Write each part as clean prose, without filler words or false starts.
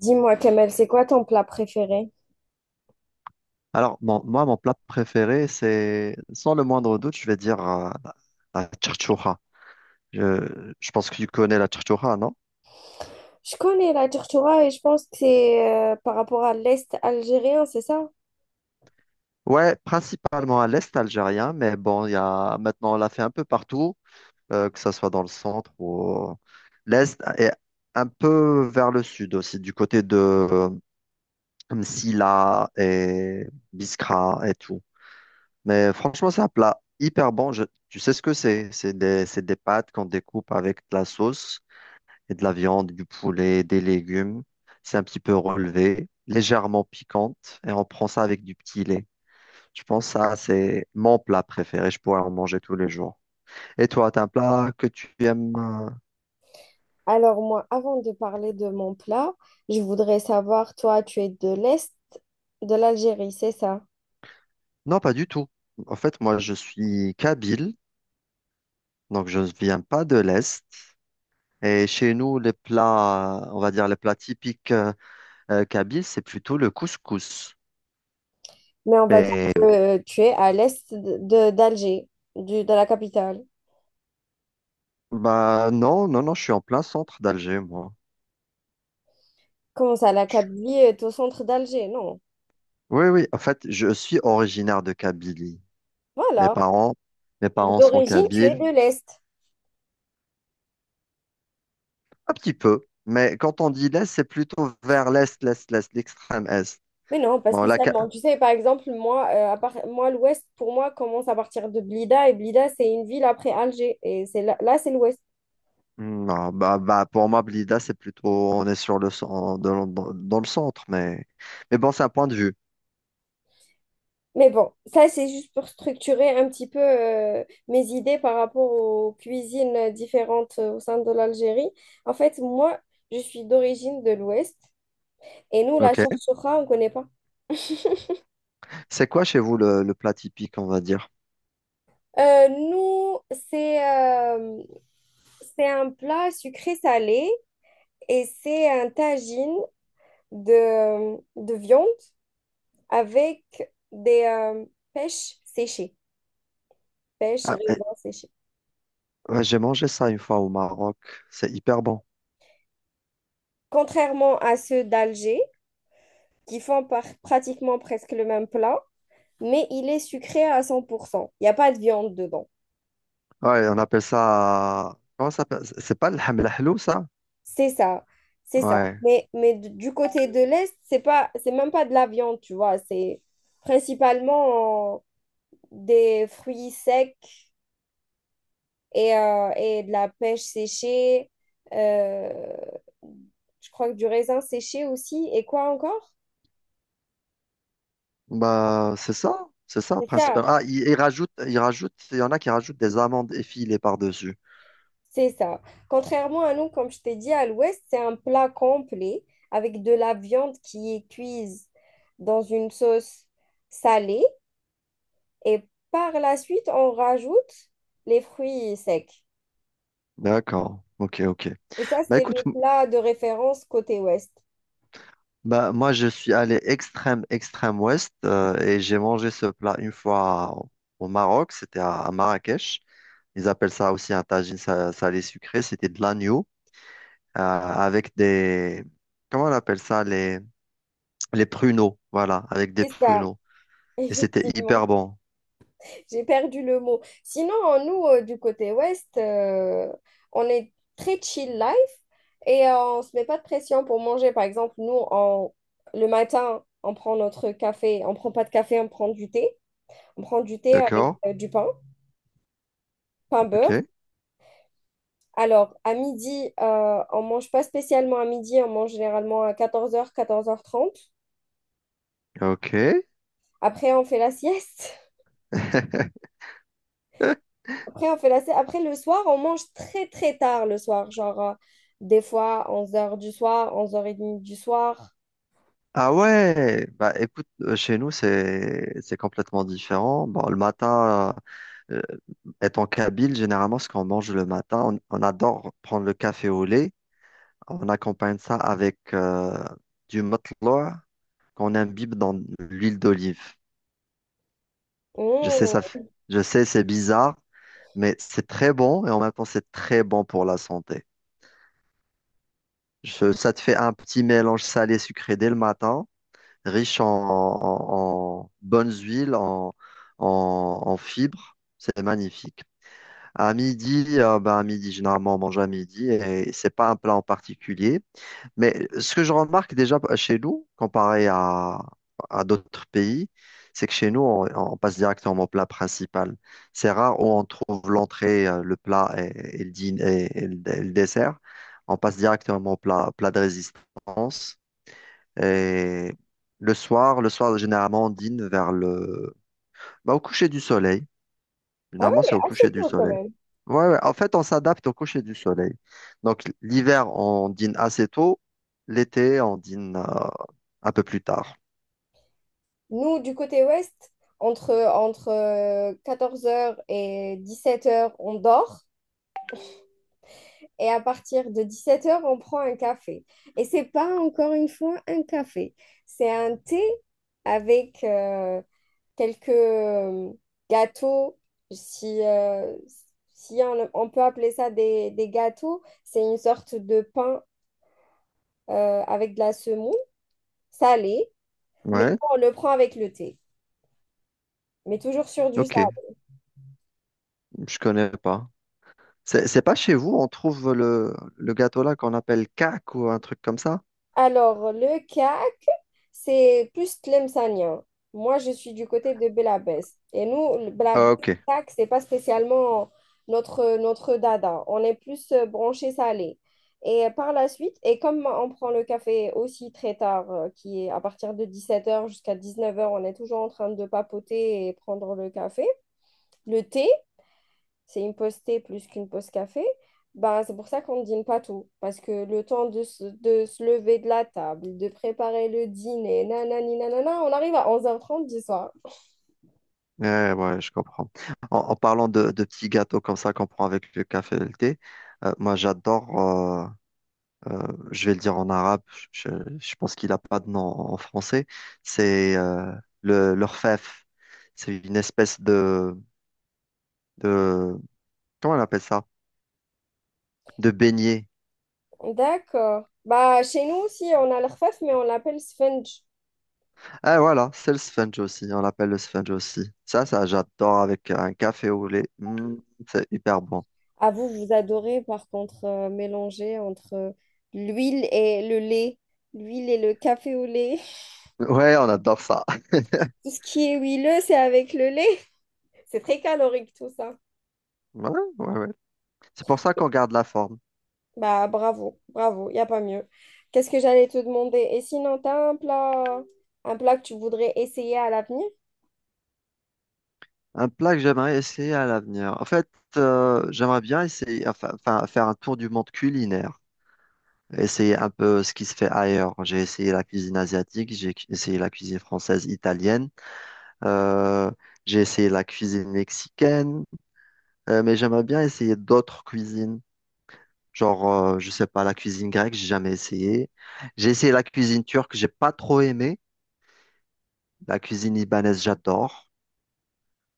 Dis-moi, Kamel, c'est quoi ton plat préféré? Alors, mon plat préféré, c'est, sans le moindre doute, je vais dire la la tchatchoura. Je pense que tu connais la tchatchoura, non? Je connais la tortura et je pense que c'est par rapport à l'Est algérien, c'est ça? Ouais, principalement à l'est algérien, mais bon, il y a, maintenant, on l'a fait un peu partout, que ce soit dans le centre ou au- l'est, et un peu vers le sud aussi, du côté de Msila et Biskra et tout. Mais franchement, c'est un plat hyper bon. Tu sais ce que c'est? C'est des pâtes qu'on découpe avec de la sauce et de la viande, du poulet, des légumes. C'est un petit peu relevé, légèrement piquante, et on prend ça avec du petit lait. Je pense que ça, c'est mon plat préféré. Je pourrais en manger tous les jours. Et toi, t'as un plat que tu aimes? Alors moi, avant de parler de mon plat, je voudrais savoir, toi, tu es de l'Est de l'Algérie, c'est ça? Non, pas du tout. En fait, moi, je suis kabyle, donc je ne viens pas de l'Est. Et chez nous, les plats, on va dire les plats typiques kabyles, c'est plutôt le couscous. Mais on va dire Mais que tu es à l'Est d'Alger, de la capitale. bah non, non, non, je suis en plein centre d'Alger, moi. Comment ça, la Je Kabylie est au centre d'Alger? Non. Oui, oui, en fait, je suis originaire de Kabylie. Mes Voilà. parents, mes Donc, parents sont d'origine, tu es kabyles, de l'Est. un petit peu. Mais quand on dit l'Est, c'est plutôt vers l'Est, l'Est, l'Est, l'extrême Est. Mais non, pas Bon, la, Ka- spécialement. Tu sais, par exemple, moi, moi l'Ouest, pour moi, commence à partir de Blida. Et Blida, c'est une ville après Alger. Et c'est là, là, c'est l'Ouest. Hmm, non, bah, bah, pour moi, Blida, c'est plutôt, on est sur le dans le centre, mais bon, c'est un point de vue. Mais bon, ça, c'est juste pour structurer un petit peu mes idées par rapport aux cuisines différentes au sein de l'Algérie. En fait, moi, je suis d'origine de l'Ouest. Et nous, la Ok. chouchoura, on ne connaît pas. C'est quoi chez vous le plat typique, on va dire? Nous, c'est euh, c'est un plat sucré-salé et c'est un tagine de viande avec des pêches séchées, pêches, Ah, eh, raisins séchés. ouais, j'ai mangé ça une fois au Maroc. C'est hyper bon. Contrairement à ceux d'Alger, qui font pratiquement presque le même plat, mais il est sucré à cent pour cent. Il n'y a pas de viande dedans. Ouais, on appelle ça, comment ça s'appelle? C'est pas le hamlahlou, ça? C'est ça, c'est ça. Ouais. Mais, mais du côté de l'Est, c'est pas, c'est même pas de la viande, tu vois. C'est principalement des fruits secs et de la pêche séchée. euh, je crois que du raisin séché aussi. Et quoi encore? Bah, c'est ça, C'est ça, principalement. Ah, ils il rajoute, il rajoute, il y en a qui rajoutent des amandes effilées par-dessus. c'est ça. Contrairement à nous, comme je t'ai dit, à l'ouest, c'est un plat complet avec de la viande qui est cuise dans une sauce salée. Et par la suite, on rajoute les fruits secs. D'accord, ok, ok. Et ça, Bah, c'est écoute, le plat de référence côté ouest. bah, moi, je suis allé extrême, extrême ouest et j'ai mangé ce plat une fois au au Maroc, c'était à Marrakech. Ils appellent ça aussi un tagine salé sucré, c'était de l'agneau avec des, comment on appelle ça, les pruneaux, voilà, avec des C'est ça, pruneaux. Et c'était hyper effectivement. bon, J'ai perdu le mot. Sinon, nous, du côté ouest, on est très chill life et on ne se met pas de pression pour manger. Par exemple, nous, le matin, on prend notre café. On ne prend pas de café, on prend du thé. On prend du thé avec d'accord? Du pain, pain Ok, beurre. Alors, à midi, on ne mange pas spécialement à midi, on mange généralement à 14h 14h30. ok. Après, on fait la sieste. Après, on fait après, le soir, on mange très, très tard le soir. Genre, des fois, 11h du soir, 11h30 du soir. Ah ouais, bah écoute, chez nous c'est complètement différent. Bon, le matin, euh, étant kabyle, généralement ce qu'on mange le matin, on adore prendre le café au lait. On accompagne ça avec du matloa qu'on imbibe dans l'huile d'olive. Je sais ça, Oh. f- je sais c'est bizarre, mais c'est très bon et en même temps c'est très bon pour la santé. Ça te fait un petit mélange salé-sucré dès le matin, riche en bonnes huiles, en fibres. C'est magnifique. À midi, ben, à midi, généralement, on mange à midi et c'est pas un plat en particulier. Mais ce que je remarque déjà chez nous, comparé à d'autres pays, c'est que chez nous, on passe directement au plat principal. C'est rare où on trouve l'entrée, le plat et et le dessert. On passe directement au plat, plat de résistance. Et le soir, généralement, on dîne vers le... Bah, au coucher du soleil. Ah Généralement, oui, c'est au coucher assez du tôt quand soleil. même. Ouais, ouais. En fait, on s'adapte au coucher du soleil. Donc, l'hiver, on dîne assez tôt. L'été, on dîne un peu plus tard. Nous, du côté ouest, entre 14h et 17h, on dort. Et à partir de 17h, on prend un café. Et c'est pas encore une fois un café. C'est un thé avec quelques gâteaux, si, euh, si on peut appeler ça des gâteaux, c'est une sorte de pain avec de la semoule salée, mais Ouais, on le prend avec le thé, mais toujours sur du ok, sable. je connais pas. C'est pas chez vous, on trouve le gâteau là qu'on appelle cac ou un truc comme ça? Alors, le cas c'est plus Tlemcenien. Moi, je suis du côté de Belabès. Et nous, le Ah, Belabès, ok, tac, c'est pas spécialement notre dada. On est plus branché salé. Et par la suite, et comme on prend le café aussi très tard, qui est à partir de 17h jusqu'à 19h, on est toujours en train de papoter et prendre le café, le thé c'est une pause thé plus qu'une pause café, ben, c'est pour ça qu'on ne dîne pas tout. Parce que le temps de se lever de la table, de préparer le dîner, nanani, nanana, on arrive à 23h30 du soir. ouais, ouais, je comprends. En parlant de petits gâteaux comme ça qu'on prend avec le café et le thé, moi j'adore. Euh, je vais le dire en arabe, je, je pense qu'il n'a pas de nom en français, c'est le, l'orfèvre. C'est une espèce de... Comment on appelle ça? De beignet. D'accord. Bah, chez nous aussi, on a l'rfaf, mais on l'appelle sponge. Ah voilà, c'est le sponge aussi, on l'appelle le sponge aussi. Ça, j'adore avec un café au lait. Mm, c'est hyper bon. Ah, vous, vous adorez, par contre, mélanger entre l'huile et le lait. L'huile et le café au lait. Ouais, on adore ça. Tout ce qui est huileux, c'est avec le lait. C'est très calorique, tout ça. Ouais, ouais, ouais. C'est pour ça qu'on garde la forme. Bah, bravo, bravo, il n'y a pas mieux. Qu'est-ce que j'allais te demander? Et sinon, tu as un plat que tu voudrais essayer à l'avenir? Un plat que j'aimerais essayer à l'avenir. En fait, j'aimerais bien essayer, enfin, enfin, faire un tour du monde culinaire, essayer un peu ce qui se fait ailleurs. J'ai essayé la cuisine asiatique, essayé la cuisine française, italienne, euh, j'ai essayé la cuisine mexicaine, mais j'aimerais bien essayer d'autres cuisines. Genre, je sais pas, la cuisine grecque, j'ai jamais essayé. J'ai essayé la cuisine turque, j'ai pas trop aimé. La cuisine libanaise, j'adore.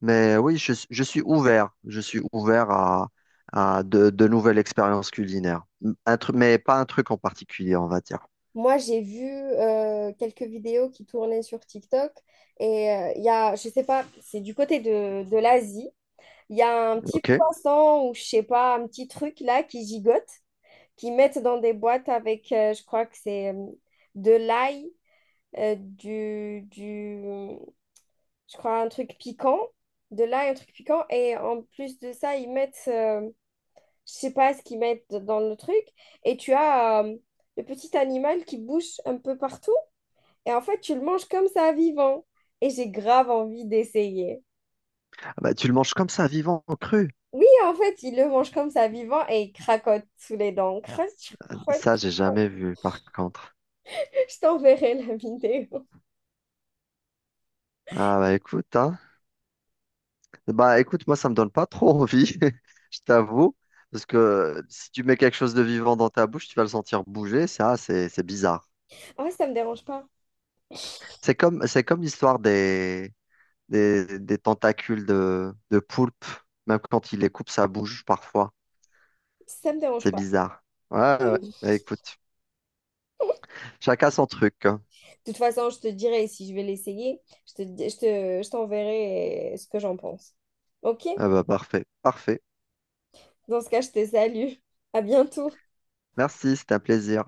Mais oui, je suis ouvert. Je suis ouvert à, de nouvelles expériences culinaires. Un truc, mais pas un truc en particulier, on va dire. Moi, j'ai vu quelques vidéos qui tournaient sur TikTok et il y a, je sais pas, c'est du côté de l'Asie. Il y a un petit OK? poisson ou je sais pas, un petit truc là qui gigote, qui mettent dans des boîtes avec, je crois que c'est de l'ail, euh, du, du, je crois un truc piquant, de l'ail, un truc piquant. Et en plus de ça, ils mettent, je sais pas ce qu'ils mettent dans le truc. Et tu as le petit animal qui bouge un peu partout. Et en fait, tu le manges comme ça, vivant. Et j'ai grave envie d'essayer. Ah bah, tu le manges comme ça, vivant, cru. Oui, en fait, il le mange comme ça, vivant, et il cracote sous les dents. Croche, croche, Ça, j'ai croche. jamais vu, par contre. Je t'enverrai la vidéo. Ah, bah écoute, hein. Bah écoute, moi, ça me donne pas trop envie, je t'avoue. Parce que si tu mets quelque chose de vivant dans ta bouche, tu vas le sentir bouger. Ça, c'est bizarre. Ah, ouais, ça me dérange pas. C'est comme l'histoire des tentacules de poulpe. Même quand il les coupe, ça bouge parfois. Ça me dérange C'est pas. bizarre. Ouais, ouais, ouais. Bah écoute, chacun son truc, hein. De toute façon, je te dirai si je vais l'essayer. Je te, di- je te, je t'enverrai ce que j'en pense. Ok? Ah bah parfait, parfait. Dans ce cas, je te salue. À bientôt. Merci, c'était un plaisir.